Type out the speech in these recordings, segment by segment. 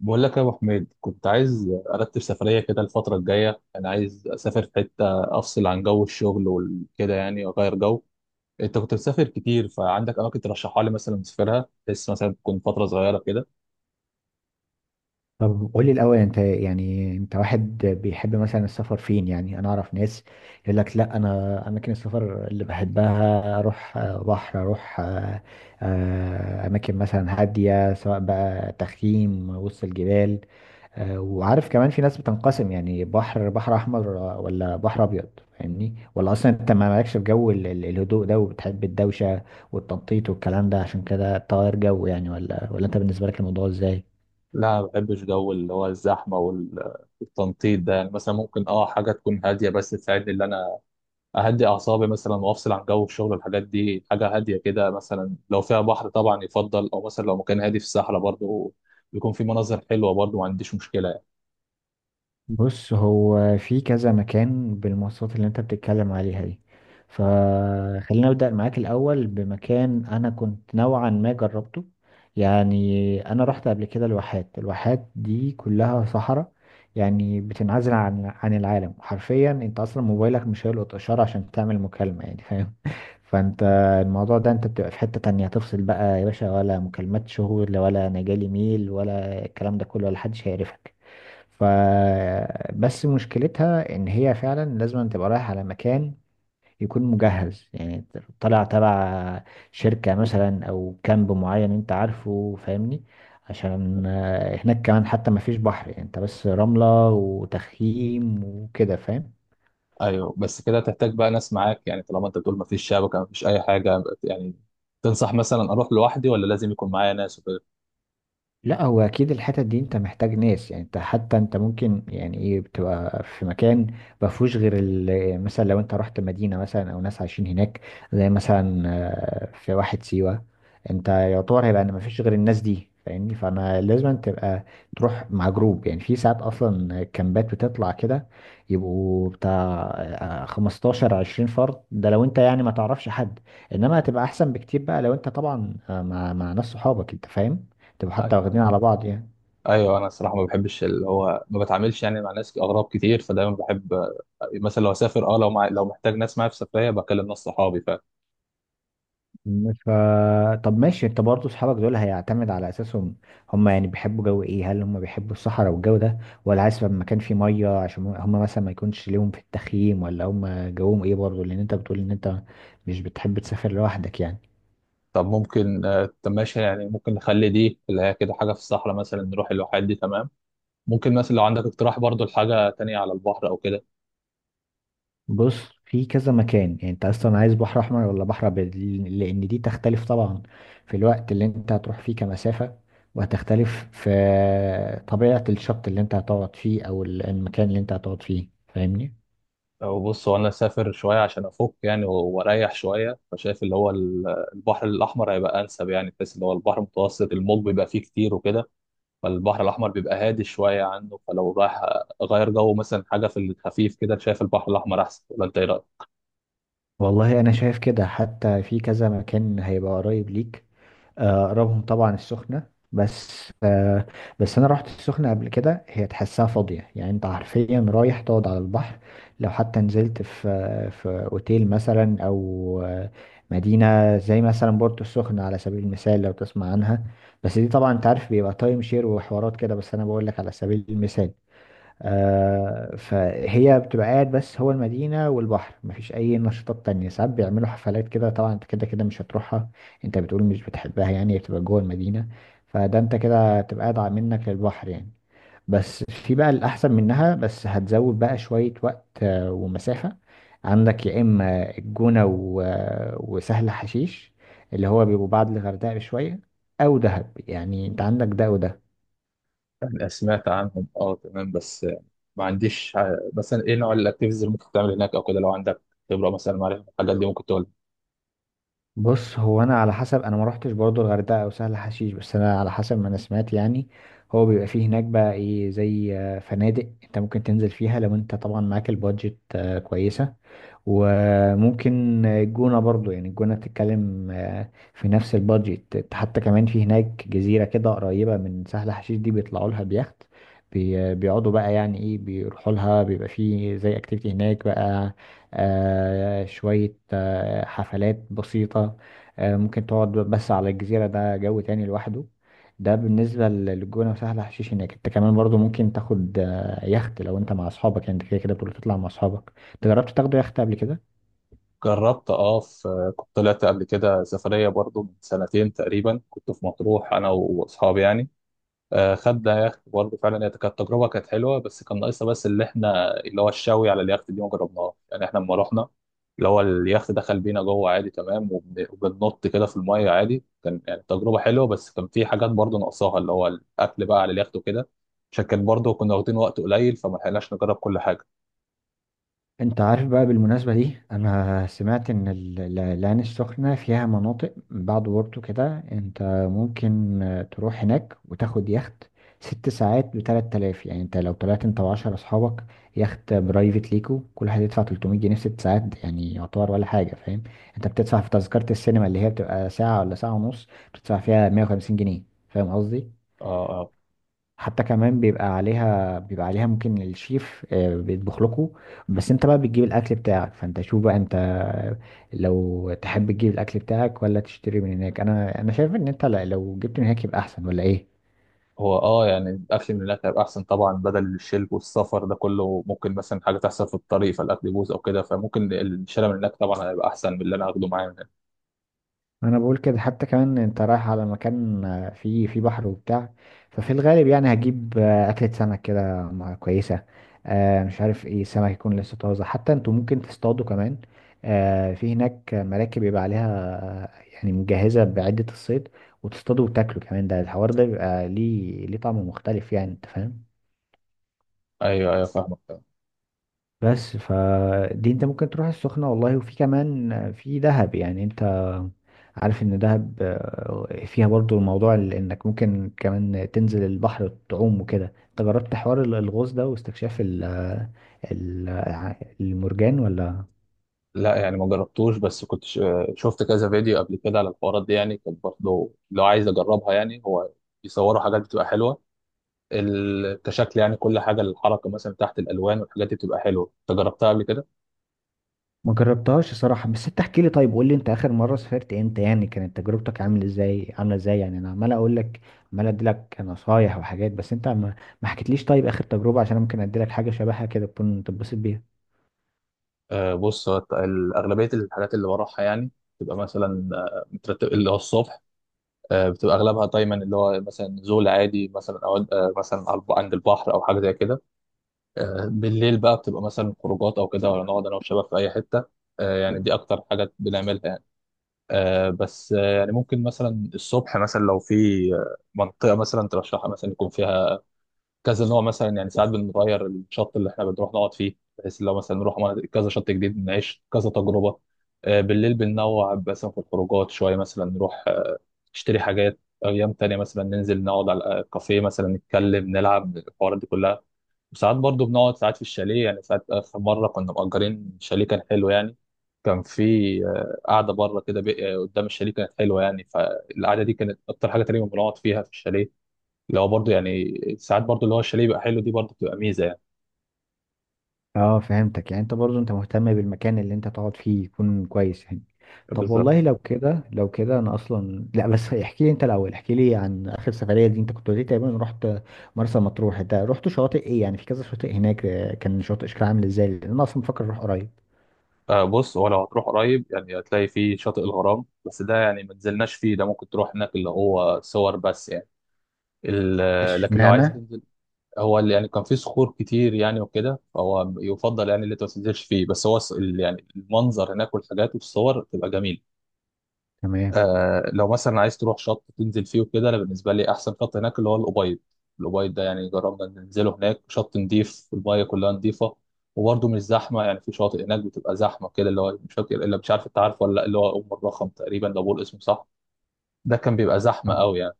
بقول لك يا ابو حميد، كنت عايز ارتب سفريه كده الفتره الجايه. انا عايز اسافر في حته افصل عن جو الشغل وكده يعني واغير جو. انت كنت بتسافر كتير، فعندك اماكن ترشحها لي مثلا اسافرها، بس مثلا تكون فتره صغيره كده. طب قولي الأول أنت، يعني أنت واحد بيحب مثلا السفر فين؟ يعني أنا أعرف ناس يقول لك لا، أنا أماكن السفر اللي بحبها أروح بحر، أروح أماكن مثلا هادية، سواء بقى تخييم وسط الجبال، وعارف كمان في ناس بتنقسم، يعني بحر، بحر أحمر ولا بحر أبيض. فاهمني؟ ولا أصلا أنت ما مالكش في جو الهدوء ده وبتحب الدوشة والتنطيط والكلام ده؟ عشان كده تغير جو يعني، ولا أنت بالنسبة لك الموضوع إزاي؟ لا، ما بحبش جو اللي هو الزحمه والتنطيط ده. يعني مثلا ممكن حاجه تكون هاديه بس تساعدني ان اهدي اعصابي مثلا، وافصل عن جو الشغل والحاجات دي. حاجه هاديه كده، مثلا لو فيها بحر طبعا يفضل، او مثلا لو مكان هادي في الصحراء برضه يكون في مناظر حلوه برضه، ما عنديش مشكله. بص، هو في كذا مكان بالمواصفات اللي انت بتتكلم عليها دي، فخلينا نبدأ معاك الأول بمكان أنا كنت نوعا ما جربته. يعني أنا رحت قبل كده الواحات. الواحات دي كلها صحراء، يعني بتنعزل عن العالم حرفيا. انت أصلا موبايلك مش هيلقط إشارة عشان تعمل مكالمة يعني، فاهم؟ فانت الموضوع ده انت بتبقى في حتة تانية، تفصل بقى يا باشا، ولا مكالمات شغل، ولا انا جالي ميل، ولا الكلام ده كله، ولا حدش هيعرفك. فبس مشكلتها ان هي فعلا لازم أن تبقى رايح على مكان يكون مجهز يعني، طالع تبع شركة مثلا، او كامب معين انت عارفه، فاهمني؟ عشان هناك كمان حتى ما فيش بحر، يعني انت بس رملة وتخييم وكده، فاهم؟ ايوه، بس كده تحتاج بقى ناس معاك يعني، طالما انت بتقول مفيش شبكه مفيش اي حاجه يعني. تنصح مثلا اروح لوحدي ولا لازم يكون معايا ناس وكده؟ لا، هو اكيد الحتت دي انت محتاج ناس، يعني انت حتى انت ممكن يعني ايه، بتبقى في مكان ما فيهوش غير مثلا لو انت رحت مدينه مثلا، او ناس عايشين هناك زي مثلا في واحد سيوه، انت يعتبر هيبقى ان ما فيش غير الناس دي، فاهمني؟ فانا لازم تبقى تروح مع جروب، يعني في ساعات اصلا كامبات بتطلع كده، يبقوا بتاع 15 20 فرد. ده لو انت يعني ما تعرفش حد، انما هتبقى احسن بكتير بقى لو انت طبعا مع ناس صحابك، انت فاهم؟ تبقى حتى واخدين ايوه، على بعض يعني. ايوه، انا الصراحه ما بحبش اللي هو ما بتعاملش يعني مع ناس اغراب كتير، فدايما بحب مثلا لو اسافر لو محتاج ناس معايا في سفريه بكلم ناس صحابي ف- م- ف طب ماشي. انت برضه اصحابك دول هيعتمد على اساسهم هم، يعني بيحبوا جو ايه؟ هل هم بيحبوا الصحراء والجو ده، ولا عايز يبقى مكان فيه ميه عشان هم مثلا ما يكونش ليهم في التخييم؟ ولا هم جوهم ايه برضه؟ لان انت بتقول ان انت مش بتحب تسافر لوحدك يعني. طب ممكن، طب ماشي يعني، ممكن نخلي دي اللي هي كده حاجه في الصحراء مثلا، نروح الواحات دي تمام. ممكن مثلا لو عندك اقتراح برضو لحاجه تانية على البحر او كده. بص، في كذا مكان. يعني انت اصلا عايز بحر احمر ولا بحر ابيض؟ لان دي تختلف طبعا في الوقت اللي انت هتروح فيه كمسافة، وهتختلف في طبيعة الشط اللي انت هتقعد فيه، او المكان اللي انت هتقعد فيه، فاهمني؟ أو بص، هو أنا سافر شوية عشان أفك يعني وأريح شوية، فشايف اللي هو البحر الأحمر هيبقى أنسب يعني، بحيث اللي هو البحر المتوسط الموج بيبقى فيه كتير وكده، فالبحر الأحمر بيبقى هادي شوية عنه. فلو رايح أغير جو مثلا حاجة في الخفيف كده، شايف البحر الأحمر أحسن، ولا أنت إيه رأيك؟ والله، انا شايف كده حتى في كذا مكان هيبقى قريب ليك. اقربهم طبعا السخنة، بس آه، بس انا رحت السخنة قبل كده، هي تحسها فاضية يعني. انت حرفيا رايح تقعد على البحر، لو حتى نزلت في اوتيل مثلا، او مدينة زي مثلا بورتو السخنة على سبيل المثال، لو تسمع عنها. بس دي طبعا انت عارف بيبقى تايم شير وحوارات كده، بس انا بقول لك على سبيل المثال. فهي بتبقى قاعد. بس هو المدينة والبحر مفيش أي نشاطات تانية. ساعات بيعملوا حفلات كده، طبعا أنت كده كده مش هتروحها، أنت بتقول مش بتحبها يعني، بتبقى جوه المدينة. فده أنت كده هتبقى قاعد منك للبحر يعني. بس في بقى الأحسن منها، بس هتزود بقى شوية وقت ومسافة. عندك يا إما الجونة وسهل حشيش، اللي هو بيبقوا بعد الغردقة بشوية، أو دهب. يعني أنت عندك ده وده. يعني سمعت عنهم، أه، تمام، بس يعني ما عنديش مثلا إيه نوع الأكتيفيتيز اللي ممكن تعمل هناك أو كده. لو عندك خبرة مثلا معرفة الحاجات دي ممكن تقول. بص، هو انا على حسب، انا ما روحتش برضو الغردقه او سهل حشيش، بس انا على حسب ما انا سمعت يعني. هو بيبقى فيه هناك بقى ايه، زي فنادق انت ممكن تنزل فيها، لو انت طبعا معاك البادجت كويسه. وممكن الجونة برضو يعني، الجونة بتتكلم في نفس البادجت. حتى كمان في هناك جزيرة كده قريبة من سهل حشيش دي، بيطلعوا لها بيخت، بيقعدوا بقى يعني ايه، بيروحوا لها، بيبقى فيه زي اكتيفيتي هناك بقى، شوية حفلات بسيطة. ممكن تقعد بس على الجزيرة، ده جو تاني لوحده. ده بالنسبة للجونة وسهل حشيش. هناك انت كمان برضو ممكن تاخد يخت لو انت مع اصحابك يعني، انت كده كده بتقول تطلع مع اصحابك. انت جربت تاخده يخت قبل كده؟ جربت، اه، في كنت طلعت قبل كده سفرية برضو من سنتين تقريبا، كنت في مطروح أنا وأصحابي يعني. آه، خدنا يخت برضو، فعلا هي كانت تجربة كانت حلوة، بس كان ناقصها بس اللي احنا اللي هو الشاوي على اليخت دي ما جربناهاش يعني. احنا لما رحنا اللي هو اليخت دخل بينا جوه عادي تمام، وبننط كده في المية عادي، كان يعني تجربة حلوة، بس كان في حاجات برضو ناقصاها اللي هو الأكل بقى على اليخت وكده، عشان كان برضو كنا واخدين وقت قليل فما لحقناش نجرب كل حاجة. انت عارف بقى بالمناسبة دي، انا سمعت ان العين السخنة فيها مناطق بعد بورتو كده، انت ممكن تروح هناك وتاخد يخت 6 ساعات بـ3000. يعني انت لو طلعت انت و10 اصحابك يخت برايفت ليكو، كل واحد يدفع 300 جنيه في 6 ساعات، يعني يعتبر ولا حاجة، فاهم؟ انت بتدفع في تذكرة السينما اللي هي بتبقى ساعة ولا ساعة ونص، بتدفع فيها 150 جنيه. فاهم قصدي؟ اه، آه. حتى كمان بيبقى عليها ممكن الشيف بيطبخ لكم، بس انت بقى بتجيب الاكل بتاعك. فانت شوف بقى انت، لو تحب تجيب الاكل بتاعك ولا تشتري من هناك. انا شايف ان انت لو جبت من هناك يبقى احسن، ولا ايه؟ هو اه يعني الاكل من هناك هيبقى احسن طبعا، بدل الشرب والسفر ده كله ممكن مثلا حاجه تحصل في الطريق فالاكل يبوظ او كده، فممكن الشارع من هناك طبعا هيبقى احسن من اللي انا هاخده معايا من هنا. انا بقول كده، حتى كمان انت رايح على مكان فيه بحر وبتاع. ففي الغالب يعني هجيب اكلة سمك كده كويسة، مش عارف ايه سمك يكون لسه طازة، حتى انتوا ممكن تصطادوا كمان. في هناك مراكب يبقى عليها يعني مجهزة بعدة الصيد، وتصطادوا وتاكلوا كمان. ده الحوار ده بيبقى ليه طعم مختلف يعني، انت فاهم؟ ايوه، ايوه، فاهمك. بس فدي انت ممكن تروح السخنة والله، وفي كمان في دهب. يعني انت عارف ان دهب فيها برضو الموضوع انك ممكن كمان تنزل البحر تعوم وكده. انت جربت حوار الغوص ده واستكشاف ال- المرجان، ولا؟ لا، يعني ما جربتوش، بس كنت شفت كذا فيديو قبل كده على الحوارات دي يعني. كنت برضه لو عايز اجربها يعني. هو بيصوروا حاجات بتبقى حلوه كشكل يعني. كل حاجه الحركه مثلا تحت، الالوان والحاجات دي بتبقى حلوه. انت جربتها قبل كده؟ ما جربتهاش صراحة، بس انت احكي لي طيب، قول لي انت اخر مرة سافرت امتى يعني، كانت تجربتك عامل ازاي، عاملة ازاي يعني. انا عمال اقول لك، عمال ادي لك نصايح وحاجات، بس انت ما حكيتليش طيب اخر تجربة، عشان أنا ممكن ادي لك حاجة شبهها كده تكون تتبسط بيها. آه بص، هو اغلبيه الحاجات اللي بروحها يعني تبقى مثلا مترتب اللي هو الصبح. بتبقى اغلبها دايما اللي هو مثلا زول عادي مثلا، او مثلا عند البحر او حاجه زي كده. بالليل بقى بتبقى مثلا خروجات او كده، ولا نقعد انا والشباب في اي حته. يعني دي اكتر حاجه بنعملها يعني. آه، بس آه، يعني ممكن مثلا الصبح مثلا لو في منطقه مثلا ترشحها مثلا يكون فيها كذا نوع مثلا يعني. ساعات بنغير الشط اللي احنا بنروح نقعد فيه، بحيث لو مثلا نروح كذا شط جديد نعيش كذا تجربة. بالليل بننوع مثلا في الخروجات شوية، مثلا نروح نشتري حاجات. أيام تانية مثلا ننزل نقعد على الكافيه مثلا، نتكلم، نلعب، الحوارات دي كلها. وساعات برضو بنقعد ساعات في الشاليه يعني. ساعات آخر مرة كنا مأجرين شاليه كان حلو يعني، كان في قعدة بره كده قدام الشاليه كانت حلوة يعني، فالقعدة دي كانت أكتر حاجة تقريبا بنقعد فيها في الشاليه. اللي هو برضه يعني ساعات برضه اللي هو الشاليه يبقى حلو دي برضه بتبقى ميزه يعني. اه فهمتك يعني. انت برضو انت مهتم بالمكان اللي انت تقعد فيه يكون كويس يعني. طب بالظبط. والله لو كده انا اصلا لا، بس احكي لي انت الاول، احكي لي عن اخر سفرية دي. انت كنت قلت لي تقريبا رحت مرسى مطروح، انت رحت شواطئ ايه؟ يعني في كذا شاطئ هناك كان شاطئ شكل عامل ازاي؟ لان انا اصلا بفكر اروح قريب. بص، هو لو هتروح قريب يعني هتلاقي فيه شاطئ الغرام، بس ده يعني ما نزلناش فيه، ده ممكن تروح هناك اللي هو صور بس يعني. لكن لو عايز اشمعنى؟ تنزل، هو اللي يعني كان فيه صخور كتير يعني وكده، فهو يفضل يعني اللي انت ما تنزلش فيه، بس هو يعني المنظر هناك والحاجات والصور بتبقى جميله. تمام. آه، لو مثلا عايز تروح شط تنزل فيه وكده، انا بالنسبه لي احسن شط هناك اللي هو الابيض. الابيض ده يعني جربنا ننزله، هناك شط نضيف، المايه كلها نضيفه، وبرده مش زحمه يعني. في شواطئ هناك بتبقى زحمه كده، اللي هو مش فاكر الا، مش عارف انت عارف ولا لا، اللي هو ام الرخم تقريبا لو بقول اسمه صح، ده كان بيبقى زحمه آه. قوي يعني.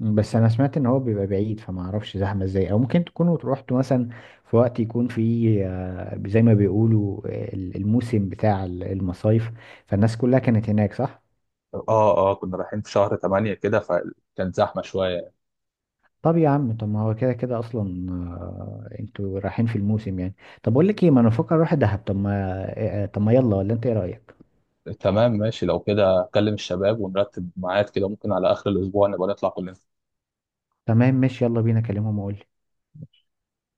بس انا سمعت ان هو بيبقى بعيد، فما اعرفش زحمه ازاي، او ممكن تكونوا روحتوا مثلا في وقت يكون فيه زي ما بيقولوا الموسم بتاع المصايف، فالناس كلها كانت هناك، صح؟ اه، اه، كنا رايحين في شهر 8 كده، فكانت زحمه شويه. طب يا عم، طب ما هو كده كده اصلا انتوا رايحين في الموسم يعني. طب اقول لك ايه، ما انا بفكر اروح دهب. طب ما طب ما يلا، ولا انت ايه رايك؟ تمام ماشي، لو كده اكلم الشباب ونرتب ميعاد كده، ممكن على اخر الاسبوع نبقى نطلع كلنا. تمام ماشي، يلا بينا، كلمهم واقول.